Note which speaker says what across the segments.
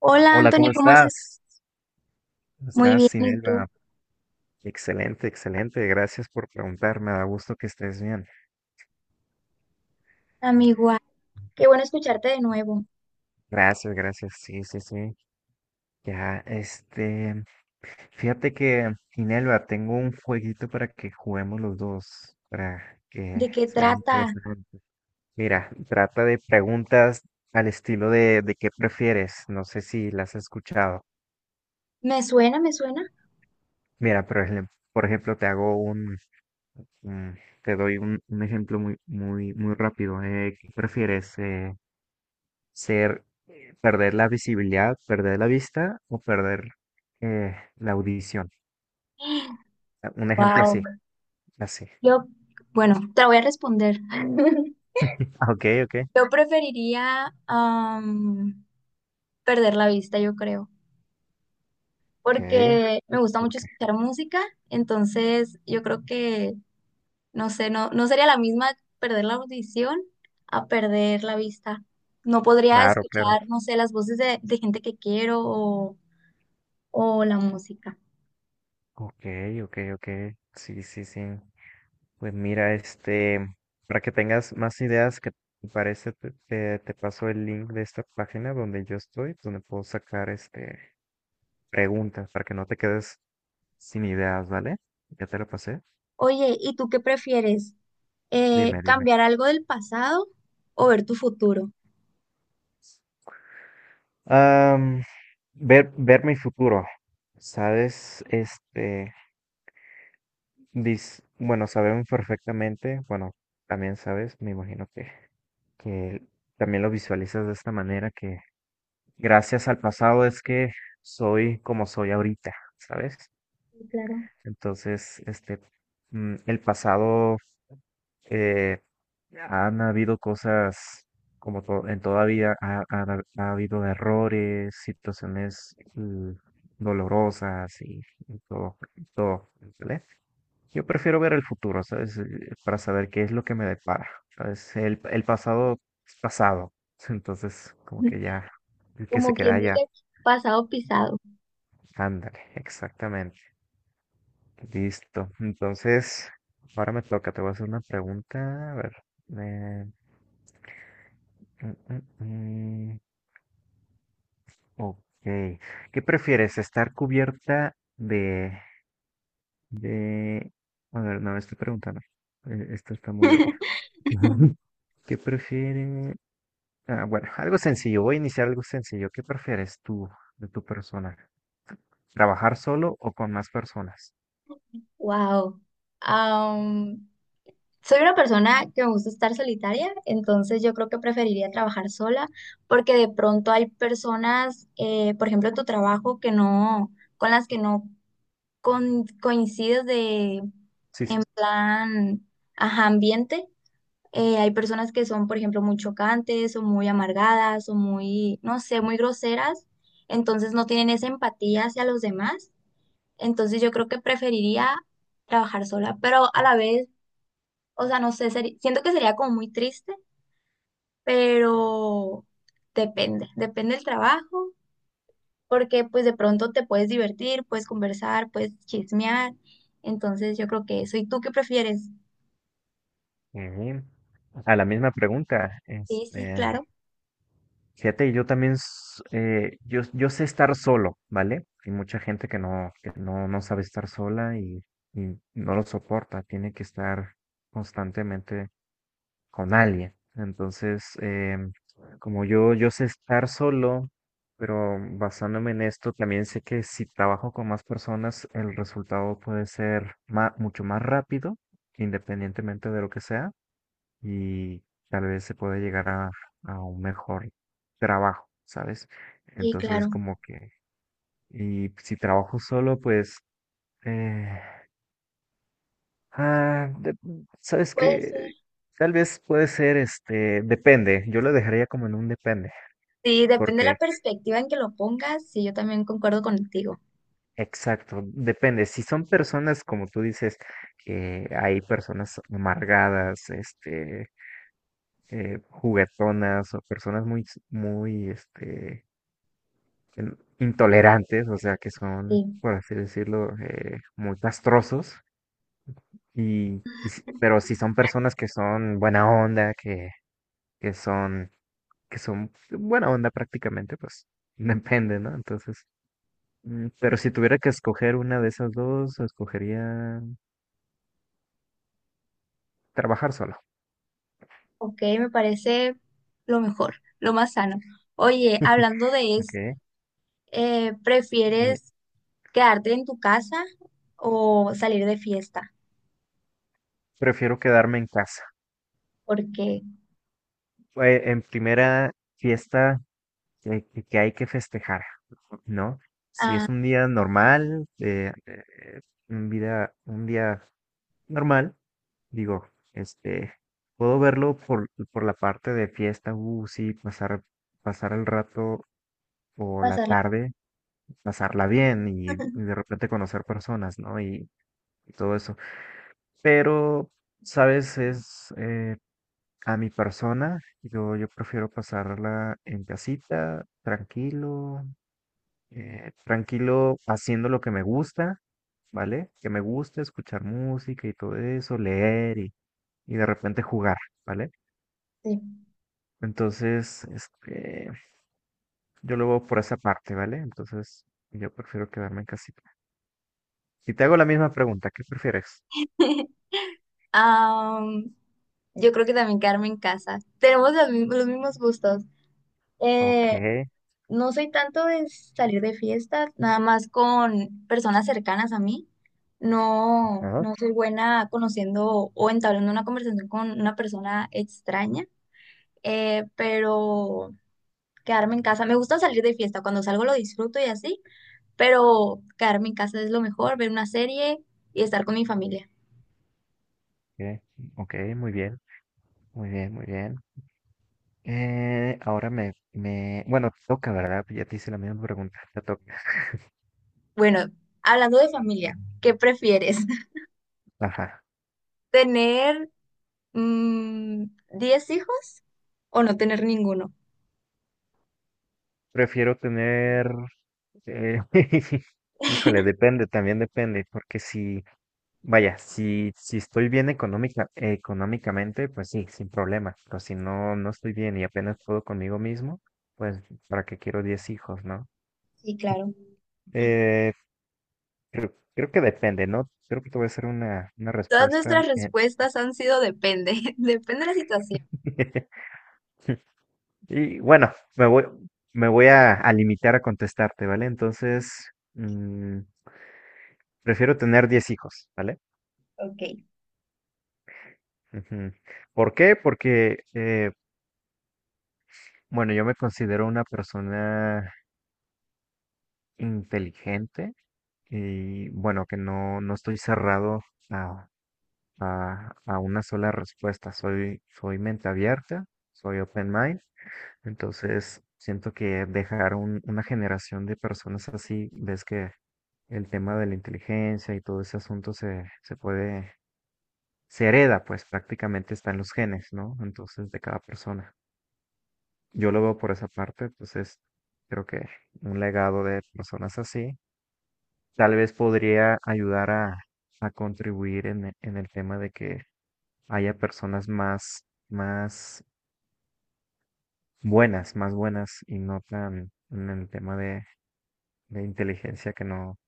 Speaker 1: Hola,
Speaker 2: Hola, ¿cómo
Speaker 1: Anthony, ¿cómo estás?
Speaker 2: estás? ¿Cómo
Speaker 1: Muy
Speaker 2: estás,
Speaker 1: bien, ¿y
Speaker 2: Sinelva?
Speaker 1: tú?
Speaker 2: Excelente, excelente. Gracias por preguntar. Me da gusto que estés bien.
Speaker 1: Amigo, igual. Qué bueno escucharte de nuevo.
Speaker 2: Gracias, gracias. Sí, sí, sí. Ya, fíjate que, Sinelva, tengo un jueguito para que juguemos los dos, para que
Speaker 1: ¿De qué
Speaker 2: sea
Speaker 1: trata?
Speaker 2: interesante. Mira, trata de preguntas al estilo de qué prefieres. No sé si las has escuchado.
Speaker 1: ¿Me suena? ¿Me suena?
Speaker 2: Mira, por ejemplo, Mm, Te doy un ejemplo muy, muy, muy rápido. ¿Qué prefieres? Ser, perder la visibilidad, perder la vista o perder la audición? Ah, un ejemplo
Speaker 1: Wow.
Speaker 2: así, así.
Speaker 1: Yo, bueno, te la voy a responder.
Speaker 2: Ah, ok, ok,
Speaker 1: Yo preferiría perder la vista, yo creo,
Speaker 2: ok,
Speaker 1: porque me gusta mucho
Speaker 2: ok.
Speaker 1: escuchar música, entonces yo creo que, no sé, no sería la misma perder la audición a perder la vista. No podría
Speaker 2: Claro, claro.
Speaker 1: escuchar, no sé, las voces de gente que quiero o la música.
Speaker 2: Ok, ok, ok. Sí, sí, sí. Pues mira, para que tengas más ideas, que te parece, te paso el link de esta página donde yo estoy, donde puedo sacar preguntas para que no te quedes sin ideas, ¿vale? Ya te lo pasé.
Speaker 1: Oye, ¿y tú qué prefieres?
Speaker 2: Dime, dime.
Speaker 1: ¿Cambiar algo del pasado o ver tu futuro?
Speaker 2: Am, ver mi futuro, ¿sabes? Bueno, sabemos perfectamente, bueno, también sabes, me imagino que también lo visualizas de esta manera, que gracias al pasado es que soy como soy ahorita, ¿sabes?
Speaker 1: Sí, claro.
Speaker 2: Entonces, el pasado, Eh, han habido cosas como en toda vida, ha habido errores, situaciones dolorosas y, y todo, ¿vale? Yo prefiero ver el futuro, ¿sabes? Para saber qué es lo que me depara, ¿sabes? El pasado es pasado, entonces como que ya, el que se
Speaker 1: Como
Speaker 2: queda
Speaker 1: quien
Speaker 2: allá.
Speaker 1: dice, pasado pisado.
Speaker 2: Ándale, exactamente. Listo. Entonces, ahora me toca, te voy a hacer una pregunta, a ver. eh, Mm, mm, mm. Ok. ¿Qué prefieres? ¿Estar cubierta de? A ver, no, estoy preguntando. Esto está muy obvio. ¿Qué prefieres? Ah, bueno, algo sencillo. Voy a iniciar algo sencillo. ¿Qué prefieres tú de tu persona? ¿Trabajar solo o con más personas?
Speaker 1: Wow. Am, Soy una persona que me gusta estar solitaria, entonces yo creo que preferiría trabajar sola, porque de pronto hay personas, por ejemplo, en tu trabajo que no, con las que no coincides de,
Speaker 2: Sí, sí.
Speaker 1: en plan, ajá, ambiente. Hay personas que son, por ejemplo, muy chocantes o muy amargadas o muy, no sé, muy groseras, entonces no tienen esa empatía hacia los demás. Entonces yo creo que preferiría trabajar sola, pero a la vez, o sea, no sé, siento que sería como muy triste, pero depende del trabajo, porque pues de pronto te puedes divertir, puedes conversar, puedes chismear. Entonces yo creo que eso. ¿Y tú qué prefieres?
Speaker 2: Eh, a la misma pregunta.
Speaker 1: Sí, sí, claro.
Speaker 2: Fíjate, yo también, yo sé estar solo, ¿vale? Hay mucha gente que no, no sabe estar sola y, no lo soporta, tiene que estar constantemente con alguien. Entonces, em, como yo sé estar solo, pero basándome en esto, también sé que si trabajo con más personas, el resultado puede ser mucho más rápido, independientemente de lo que sea y tal vez se pueda llegar a un mejor trabajo, ¿sabes?
Speaker 1: Sí,
Speaker 2: Entonces,
Speaker 1: claro.
Speaker 2: como que, y si trabajo solo, pues, eh, ah, de- ¿sabes
Speaker 1: Pues.
Speaker 2: que Tal vez puede ser, depende, yo lo dejaría como en un depende,
Speaker 1: Sí, depende de la
Speaker 2: porque,
Speaker 1: perspectiva en que lo pongas. Sí, yo también concuerdo contigo.
Speaker 2: exacto, depende. Si son personas, como tú dices, que hay personas amargadas, juguetonas o personas muy, intolerantes, o sea, que son,
Speaker 1: Sí,
Speaker 2: por así decirlo, muy castrosos, pero si son personas que son buena onda, que son, que son buena onda prácticamente, pues depende, ¿no? Entonces, pero si tuviera que escoger una de esas dos, escogería trabajar solo,
Speaker 1: ok, me parece lo mejor, lo más sano. Oye, hablando de
Speaker 2: ¿ok?
Speaker 1: eso,
Speaker 2: Me-
Speaker 1: ¿prefieres quedarte en tu casa o salir de fiesta?
Speaker 2: Prefiero quedarme en casa.
Speaker 1: Porque
Speaker 2: En primera fiesta que hay que festejar, ¿no? Si
Speaker 1: ah,
Speaker 2: es un día normal, un día normal, digo, este, puedo verlo por la parte de fiesta, sí, pasar el rato o la
Speaker 1: pasarla.
Speaker 2: tarde, pasarla bien y de repente conocer personas, ¿no? Y todo eso. Pero, ¿sabes? Es A mi persona, yo prefiero pasarla en casita, tranquilo, tranquilo haciendo lo que me gusta, ¿vale? Que me gusta escuchar música y todo eso, leer y de repente jugar, ¿vale?
Speaker 1: Sí.
Speaker 2: Entonces, yo lo veo por esa parte, ¿vale? Entonces, yo prefiero quedarme en casita. Y te hago la misma pregunta, ¿qué prefieres?
Speaker 1: Am, yo creo que también quedarme en casa. Tenemos los mismos gustos.
Speaker 2: Ok,
Speaker 1: Eh, No soy tanto de salir de fiestas, nada más con personas cercanas a mí.
Speaker 2: ajá,
Speaker 1: No soy buena conociendo o entablando una conversación con una persona extraña, pero quedarme en casa. Me gusta salir de fiesta, cuando salgo lo disfruto y así, pero quedarme en casa es lo mejor, ver una serie y estar con mi familia.
Speaker 2: ok, ok, muy bien, muy bien, muy bien. Ahora bueno, te toca, ¿verdad? Ya te hice la misma pregunta, te toca.
Speaker 1: Bueno, hablando de familia, ¿qué prefieres?
Speaker 2: Ajá.
Speaker 1: ¿Tener mm, 10 hijos o no tener ninguno?
Speaker 2: Prefiero tener, eh, híjole, depende, también depende, porque si, vaya, si estoy bien económicamente, pues sí, sin problema, pero si no, no estoy bien y apenas puedo conmigo mismo, pues para qué quiero 10 hijos, ¿no?
Speaker 1: Sí, claro.
Speaker 2: Eh, creo que depende, ¿no? Creo que te voy a hacer una
Speaker 1: Todas
Speaker 2: respuesta.
Speaker 1: nuestras respuestas han sido depende, depende de la situación.
Speaker 2: Y bueno, me voy, me voy a limitar a contestarte, ¿vale? Entonces, prefiero tener 10 hijos, ¿vale?
Speaker 1: Ok.
Speaker 2: Ujú. ¿Por qué? Porque, bueno, yo me considero una persona inteligente y, bueno, que no estoy cerrado a, a una sola respuesta. Soy mente abierta, soy open mind. Entonces, siento que dejar una generación de personas así, ves que el tema de la inteligencia y todo ese asunto se puede, se hereda, pues prácticamente está en los genes, ¿no? Entonces, de cada persona. Yo lo veo por esa parte, entonces creo que un legado de personas así tal vez podría ayudar a contribuir en el tema de que haya personas más buenas y no tan en el tema de inteligencia que no,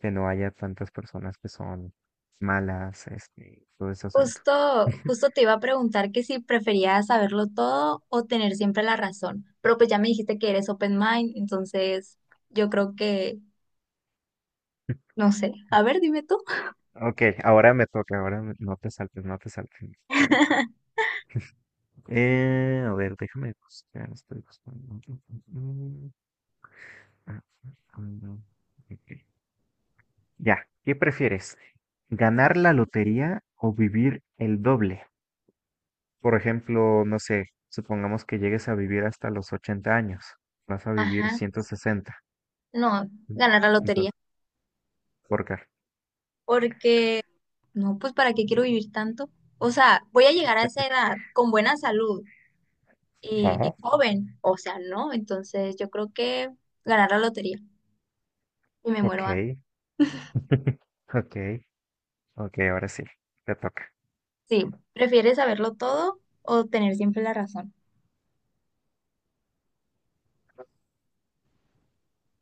Speaker 2: que no haya tantas personas que son malas, todo ese asunto.
Speaker 1: Justo te iba a preguntar que si preferías saberlo todo o tener siempre la razón, pero pues ya me dijiste que eres open mind, entonces yo creo que, no sé, a ver, dime tú.
Speaker 2: Ok, ahora me toca, no te saltes, no te saltes. Karen. A ver, déjame buscar, estoy buscando. Mm, buscando, ok. Ya, ¿qué prefieres? ¿Ganar la lotería o vivir el doble? Por ejemplo, no sé, supongamos que llegues a vivir hasta los 80 años, vas a vivir
Speaker 1: Ajá,
Speaker 2: 160.
Speaker 1: no, ganar la lotería,
Speaker 2: Entonces, ¿por qué?
Speaker 1: porque no, pues ¿para qué quiero vivir tanto? O sea, voy a llegar a esa edad con buena salud y
Speaker 2: Ah,
Speaker 1: joven, o sea, no, entonces yo creo que ganar la lotería y me muero antes.
Speaker 2: ok, ok, ok, ahora sí, te toca.
Speaker 1: Sí, ¿prefieres saberlo todo o tener siempre la razón?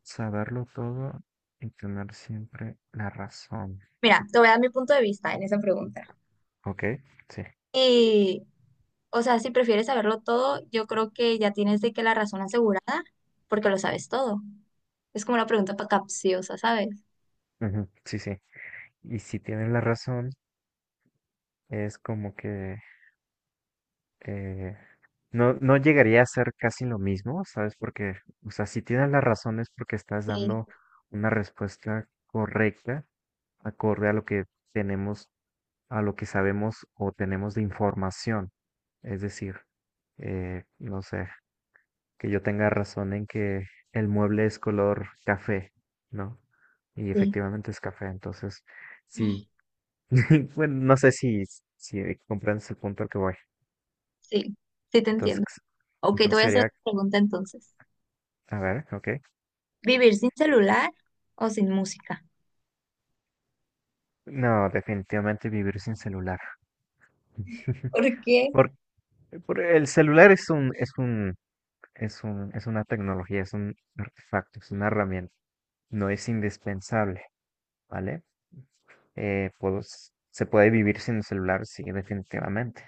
Speaker 2: Saberlo todo y tener siempre la razón.
Speaker 1: Mira, te voy a dar mi punto de vista en esa pregunta.
Speaker 2: Ok, sí,
Speaker 1: Y, o sea, si prefieres saberlo todo, yo creo que ya tienes de que la razón asegurada, porque lo sabes todo. Es como una pregunta capciosa, ¿sabes?
Speaker 2: ujú, sí, sí. Y si tienen la razón, es como que eh, no llegaría a ser casi lo mismo, ¿sabes? Porque, o sea, si tienes la razón es porque estás
Speaker 1: Sí,
Speaker 2: dando una respuesta correcta, acorde a lo que tenemos, a lo que sabemos o tenemos de información. Es decir, no sé, que yo tenga razón en que el mueble es color café, ¿no? Y
Speaker 1: sí,
Speaker 2: efectivamente es café. Entonces, si bueno, no sé si comprendes el punto al que voy.
Speaker 1: sí, sí te
Speaker 2: Entonces,
Speaker 1: entiendo. Ok, te voy a hacer
Speaker 2: sería,
Speaker 1: otra pregunta entonces.
Speaker 2: a ver, ok.
Speaker 1: ¿Vivir sin celular o sin música?
Speaker 2: No, definitivamente vivir sin celular.
Speaker 1: ¿Por qué?
Speaker 2: Por, por el celular es un, es una tecnología, es un artefacto, es una herramienta. No es indispensable, ¿vale? Se puede vivir sin el celular, sí, definitivamente.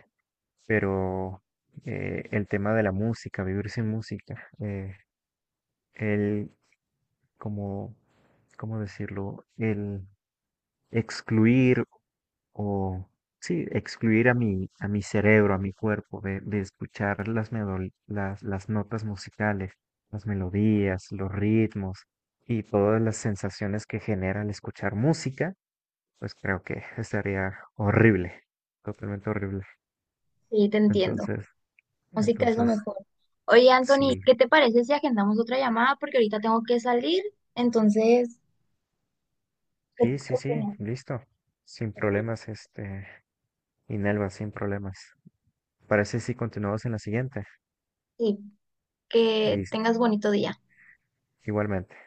Speaker 2: Pero el tema de la música, vivir sin música, el como, ¿cómo decirlo? El excluir o, sí, excluir a mi cerebro, a mi cuerpo de escuchar las notas musicales, las melodías, los ritmos y todas las sensaciones que genera al escuchar música, pues creo que estaría horrible, totalmente horrible.
Speaker 1: Sí, te entiendo.
Speaker 2: Entonces,
Speaker 1: Música es lo
Speaker 2: entonces,
Speaker 1: mejor. Oye, Anthony,
Speaker 2: sí,
Speaker 1: ¿qué te parece si agendamos otra llamada? Porque ahorita tengo que salir. Entonces,
Speaker 2: sí,
Speaker 1: qué
Speaker 2: sí, sí,
Speaker 1: opinas?
Speaker 2: listo. Sin
Speaker 1: Ok.
Speaker 2: problemas, Inelva, sin problemas. Parece si continuamos en la siguiente.
Speaker 1: Sí, que
Speaker 2: Listo.
Speaker 1: tengas bonito día.
Speaker 2: Igualmente.